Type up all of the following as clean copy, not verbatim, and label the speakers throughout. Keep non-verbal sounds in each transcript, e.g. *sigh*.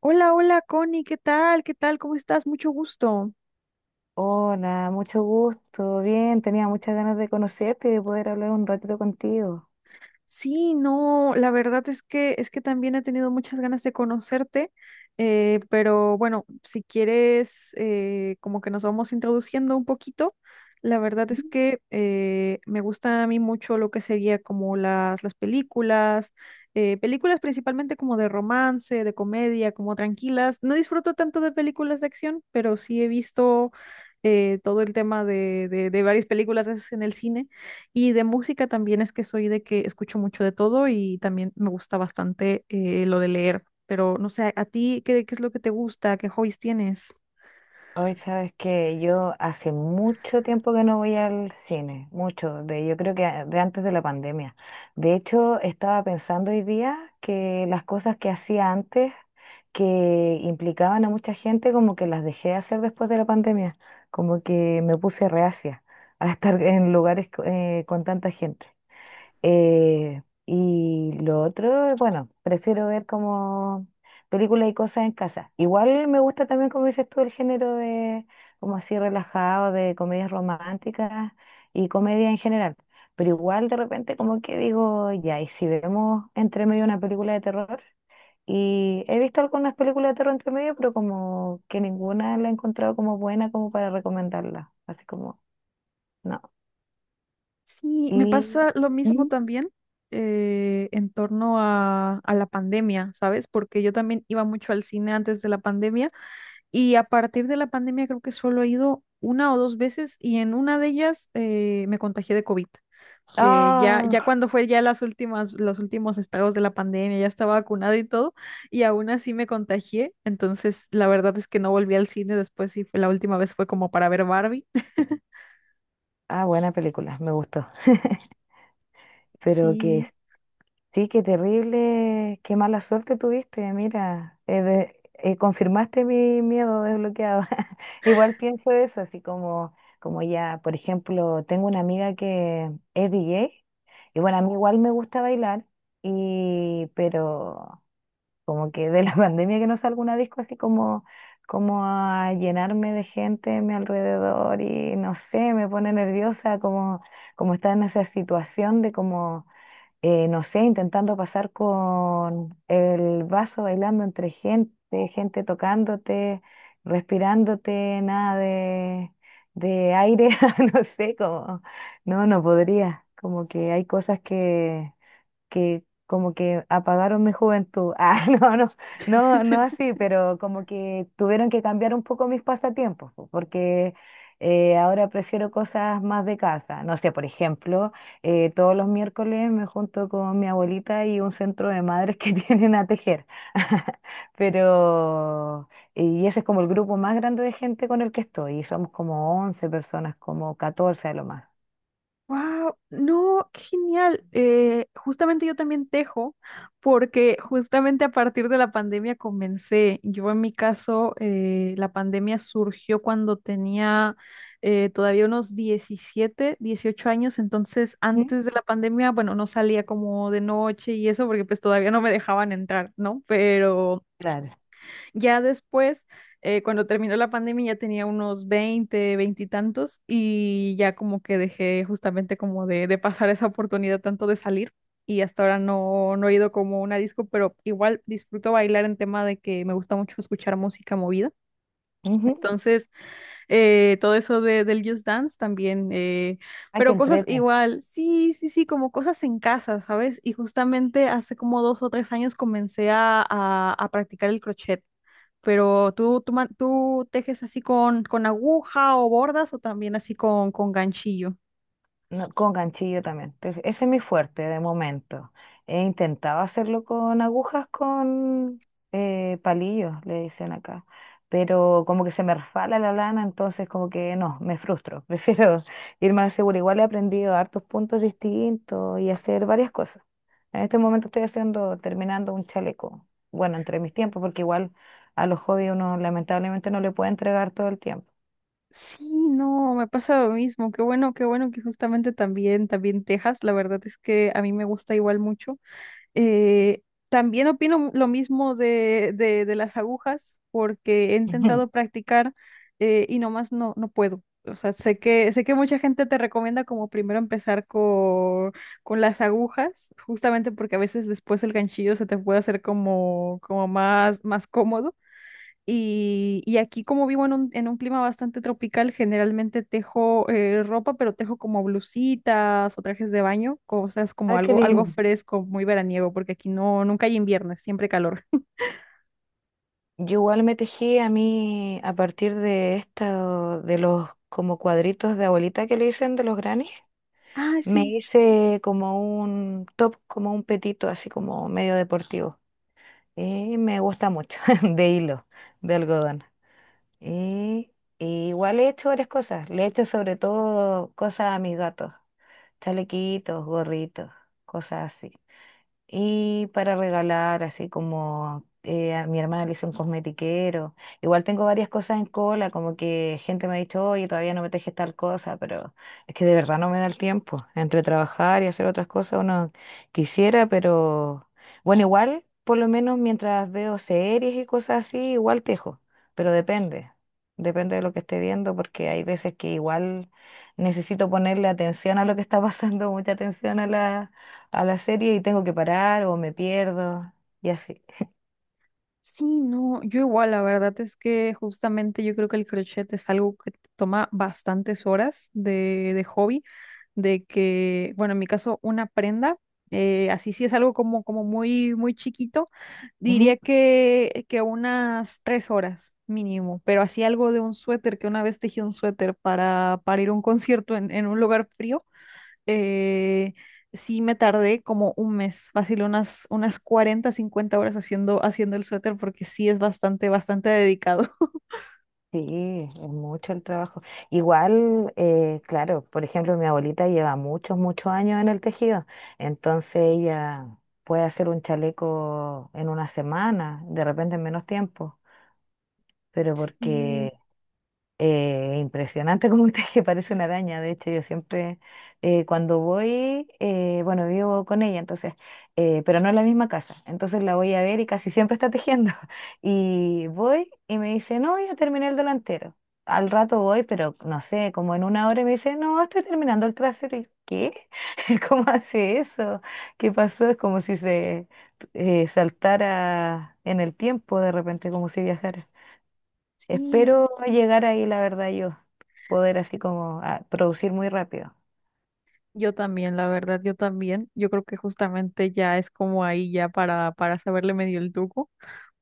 Speaker 1: Hola, hola, Connie, ¿qué tal? ¿Qué tal? ¿Cómo estás? Mucho gusto.
Speaker 2: Hola, mucho gusto. Bien, tenía muchas ganas de conocerte y de poder hablar un ratito contigo.
Speaker 1: Sí, no, la verdad es que también he tenido muchas ganas de conocerte, pero bueno, si quieres, como que nos vamos introduciendo un poquito. La verdad es que me gusta a mí mucho lo que sería como las películas, películas principalmente como de romance, de comedia, como tranquilas. No disfruto tanto de películas de acción, pero sí he visto todo el tema de varias películas en el cine. Y de música también es que soy de que escucho mucho de todo y también me gusta bastante lo de leer. Pero no sé, ¿a ti qué es lo que te gusta? ¿Qué hobbies tienes?
Speaker 2: Hoy sabes que yo hace mucho tiempo que no voy al cine, mucho, de, yo creo que de antes de la pandemia. De hecho, estaba pensando hoy día que las cosas que hacía antes, que implicaban a mucha gente, como que las dejé de hacer después de la pandemia, como que me puse reacia a estar en lugares con tanta gente. Eh, y lo otro, bueno, prefiero ver como películas y cosas en casa. Igual me gusta también, como dices tú, el género de, como así relajado, de comedias románticas y comedia en general. Pero igual de repente como que digo, ya, y si vemos entre medio una película de terror, y he visto algunas películas de terror entre medio, pero como que ninguna la he encontrado como buena como para recomendarla. Así como, no.
Speaker 1: Sí, me
Speaker 2: Y...
Speaker 1: pasa lo mismo
Speaker 2: ¿Mm?
Speaker 1: también. En torno a la pandemia, ¿sabes? Porque yo también iba mucho al cine antes de la pandemia y a partir de la pandemia creo que solo he ido una o dos veces y en una de ellas me contagié de COVID. Ya, ya
Speaker 2: ¡Ah!
Speaker 1: cuando fue ya los últimos estados de la pandemia, ya estaba vacunada y todo, y aún así me contagié, entonces la verdad es que no volví al cine después y la última vez fue como para ver Barbie. *laughs*
Speaker 2: Ah, buena película, me gustó. Pero que
Speaker 1: Sí.
Speaker 2: sí, qué terrible, qué mala suerte tuviste. Mira, confirmaste mi miedo desbloqueado. *laughs* Igual pienso eso, así como, como ya, por ejemplo, tengo una amiga que es DJ y bueno, a mí igual me gusta bailar, y, pero... Como que de la *laughs* pandemia que no salgo a una disco así como, como a llenarme de gente a mi alrededor y no sé, me pone nerviosa como, como estar en esa situación de como, no sé, intentando pasar con el vaso bailando entre gente, gente tocándote, respirándote, nada de, de aire, *laughs* no sé, como, no, no podría, como que hay cosas que como que apagaron mi juventud. *laughs* Ah, no, no, no, no así, pero como que tuvieron que cambiar un poco mis pasatiempos, po, porque ahora prefiero cosas más de casa. No sé, por ejemplo, todos los miércoles me junto con mi abuelita y un centro de madres que *laughs* tienen a tejer. *laughs* Pero, y ese es como el grupo más grande de gente con el que estoy, y somos como 11 personas, como 14 a lo más.
Speaker 1: Wow, no, qué genial. Justamente yo también tejo, porque justamente a partir de la pandemia comencé. Yo en mi caso, la pandemia surgió cuando tenía todavía unos 17, 18 años. Entonces
Speaker 2: ¿Mm?
Speaker 1: antes de la pandemia, bueno, no salía como de noche y eso, porque pues todavía no me dejaban entrar, ¿no? Pero
Speaker 2: Claro.
Speaker 1: ya después, cuando terminó la pandemia, ya tenía unos 20 20 y tantos, y ya como que dejé justamente como de pasar esa oportunidad tanto de salir, y hasta ahora no, no he ido como a una disco, pero igual disfruto bailar en tema de que me gusta mucho escuchar música movida.
Speaker 2: Ujú.
Speaker 1: Entonces, todo eso de, del Just Dance también,
Speaker 2: Ah, qué
Speaker 1: pero cosas
Speaker 2: entrete.
Speaker 1: igual, sí, sí, sí, como cosas en casa, ¿sabes? Y justamente hace como dos o tres años comencé a practicar el crochet. Pero tú tejes así con aguja o bordas o también así con ganchillo.
Speaker 2: No, con ganchillo también. Entonces, ese es mi fuerte de momento. He intentado hacerlo con agujas, con palillos, le dicen acá. Pero como que se me resbala la lana, entonces como que no, me frustro. *laughs* Prefiero ir más seguro. Igual he aprendido hartos puntos distintos y hacer varias cosas. En este momento estoy haciendo, terminando un chaleco. Bueno, entre mis tiempos, porque igual a los hobbies uno lamentablemente no le puede entregar todo el tiempo.
Speaker 1: Sí, no, me pasa lo mismo. Qué bueno que justamente también, también tejas. La verdad es que a mí me gusta igual mucho. Eh, también opino lo mismo de las agujas, porque he intentado
Speaker 2: *laughs*
Speaker 1: practicar, y nomás no, no puedo. O sea, sé que mucha gente te recomienda como primero empezar con las agujas, justamente porque a veces después el ganchillo se te puede hacer como, como más cómodo. Y aquí como vivo en en un clima bastante tropical, generalmente tejo ropa, pero tejo como blusitas o trajes de baño, cosas como
Speaker 2: Ah, qué
Speaker 1: algo,
Speaker 2: bueno,
Speaker 1: algo
Speaker 2: lindo.
Speaker 1: fresco, muy veraniego, porque aquí no, nunca hay invierno, es siempre calor.
Speaker 2: Yo igual me tejí a mí a partir de esta, de los como cuadritos de abuelita que le dicen de los granny.
Speaker 1: Ah,
Speaker 2: Me
Speaker 1: sí,
Speaker 2: hice como un top, como un petito, así como medio deportivo. Y me gusta mucho, *laughs* de hilo, de algodón. Y, y igual he hecho varias cosas. Le he hecho sobre todo cosas a mis gatos, chalequitos, gorritos, cosas así. Y para regalar, así como a mi hermana le hizo un cosmetiquero. Igual tengo varias cosas en cola, como que gente me ha dicho, oye, todavía no me tejes tal cosa, pero es que de verdad no me da el tiempo. Entre trabajar y hacer otras cosas uno quisiera, pero bueno, igual, por lo menos mientras veo series y cosas así, igual tejo, pero depende. Depende de lo que esté viendo, porque hay veces que igual necesito ponerle atención a lo que está pasando, *laughs* mucha atención a la serie y tengo que parar o me pierdo y así.
Speaker 1: sí, no, yo igual, la verdad es que justamente yo creo que el crochet es algo que toma bastantes horas de hobby, de que, bueno, en mi caso, una prenda. Eh, así sí es algo como, como muy, muy chiquito.
Speaker 2: Ujú.
Speaker 1: Diría que unas tres horas mínimo, pero así algo de un suéter, que una vez tejí un suéter para ir a un concierto en un lugar frío. Eh, sí me tardé como un mes, fácil unas, unas 40, 50 horas haciendo, haciendo el suéter porque sí es bastante, bastante dedicado. *laughs*
Speaker 2: Sí, es mucho el trabajo. Igual, claro, por ejemplo, mi abuelita lleva muchos, muchos años en el tejido, entonces ella puede hacer un chaleco en una semana, de repente en menos tiempo, pero
Speaker 1: Sí,
Speaker 2: porque eh, impresionante *laughs* como usted que parece una araña. De hecho, yo siempre cuando voy, bueno, vivo con ella, entonces, pero no en la misma casa. Entonces la voy a ver y casi siempre está tejiendo. *laughs* Y voy y me dice, no, ya terminé el delantero. Al rato voy, pero no sé, como en una hora y me dice, no, estoy terminando el trasero. ¿Y qué? *laughs* ¿Cómo hace eso? ¿Qué pasó? Es como si se saltara en el tiempo de repente, como si viajara.
Speaker 1: sí,
Speaker 2: Espero llegar ahí, la verdad, yo poder así como ah, producir muy rápido.
Speaker 1: yo también, la verdad, yo también. Yo creo que justamente ya es como ahí ya para saberle medio el truco.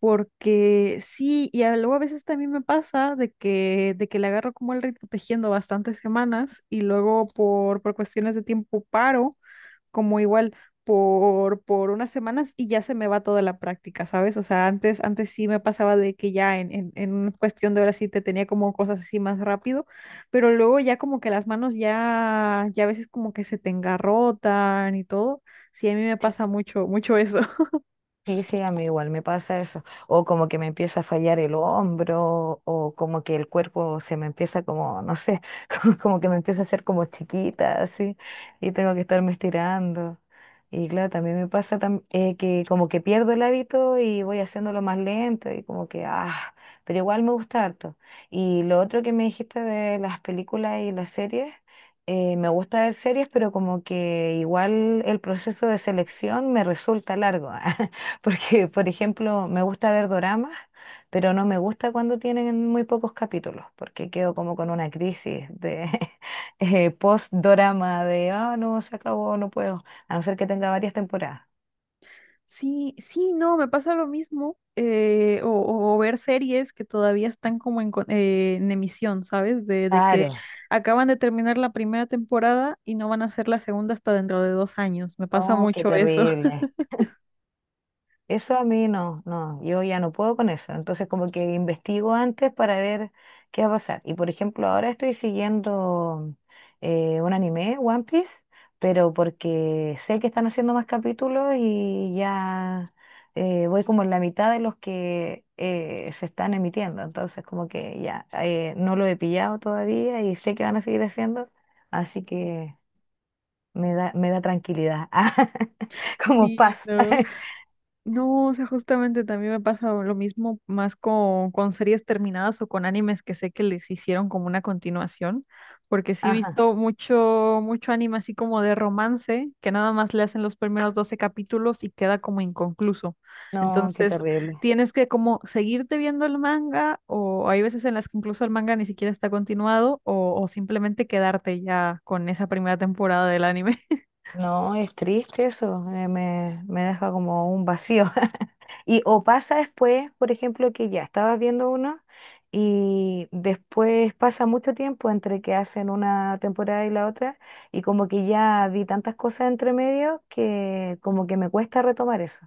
Speaker 1: Porque sí, y luego a veces también me pasa de que le agarro como el ritmo tejiendo bastantes semanas y luego por cuestiones de tiempo paro, como igual por unas semanas y ya se me va toda la práctica, ¿sabes? O sea, antes sí me pasaba de que ya en una cuestión de horas sí te tenía como cosas así más rápido, pero luego ya como que las manos ya, ya a veces como que se te engarrotan y todo. Sí, a mí me pasa mucho, mucho eso.
Speaker 2: Sí, sí, a mí igual me pasa eso. O como que me empieza a fallar el hombro, o como que el cuerpo se me empieza como, no sé, *laughs* como, como que me empieza a hacer como chiquita, así, y tengo que estarme estirando. Y claro, también me pasa que como que pierdo el hábito y voy haciéndolo más lento y como que, ah, pero igual me gusta harto. Y lo otro que me dijiste de las películas y las series, me gusta ver series, pero como que igual el proceso de selección me resulta largo. *laughs* Porque, por ejemplo, me gusta ver doramas, pero no me gusta cuando tienen muy pocos capítulos, porque quedo como con una crisis de *laughs* post-dorama de, ah, no, se acabó, no puedo, a no ser que tenga varias temporadas.
Speaker 1: Sí, sí, no, me pasa lo mismo. Eh, o ver series que todavía están como en, en emisión, ¿sabes? De que
Speaker 2: Claro,
Speaker 1: acaban de terminar la primera temporada y no van a hacer la segunda hasta dentro de 2 años. Me pasa
Speaker 2: no, qué
Speaker 1: mucho eso. *laughs*
Speaker 2: terrible. Eso a mí no, no, yo ya no puedo con eso. Entonces como que investigo antes para ver qué va a pasar. Y por ejemplo, ahora estoy siguiendo un anime, One Piece, pero porque sé que están haciendo más capítulos y ya voy como en la mitad de los que se están emitiendo. Entonces como que ya no lo he pillado todavía y sé que van a seguir haciendo, así que me da tranquilidad, *laughs* como
Speaker 1: Sí,
Speaker 2: paz.
Speaker 1: no.
Speaker 2: *laughs*
Speaker 1: No, o sea, justamente también me pasa lo mismo más con series terminadas o con animes que sé que les hicieron como una continuación, porque sí he
Speaker 2: Ajá.
Speaker 1: visto mucho, mucho anime así como de romance, que nada más le hacen los primeros 12 capítulos y queda como inconcluso.
Speaker 2: No, qué
Speaker 1: Entonces,
Speaker 2: terrible.
Speaker 1: tienes que como seguirte viendo el manga, o hay veces en las que incluso el manga ni siquiera está continuado, o simplemente quedarte ya con esa primera temporada del anime.
Speaker 2: No, es triste eso. Me deja como un vacío. *laughs* Y o pasa después, por ejemplo, que ya estabas viendo uno y después pasa mucho tiempo entre que hacen una temporada y la otra y como que ya vi tantas cosas entre medio que como que me cuesta retomar eso.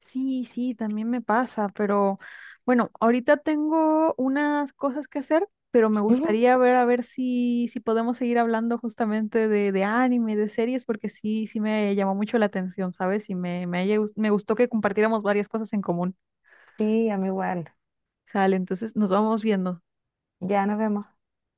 Speaker 1: Sí, sí, también me pasa, pero bueno, ahorita tengo unas cosas que hacer, pero me
Speaker 2: Ujú.
Speaker 1: gustaría ver a ver si, si podemos seguir hablando justamente de anime, de series, porque sí, sí me llamó mucho la atención, ¿sabes? Y me gustó que compartiéramos varias cosas en común.
Speaker 2: Sí, a mí igual.
Speaker 1: Sale, entonces nos vamos viendo.
Speaker 2: Ya nos vemos.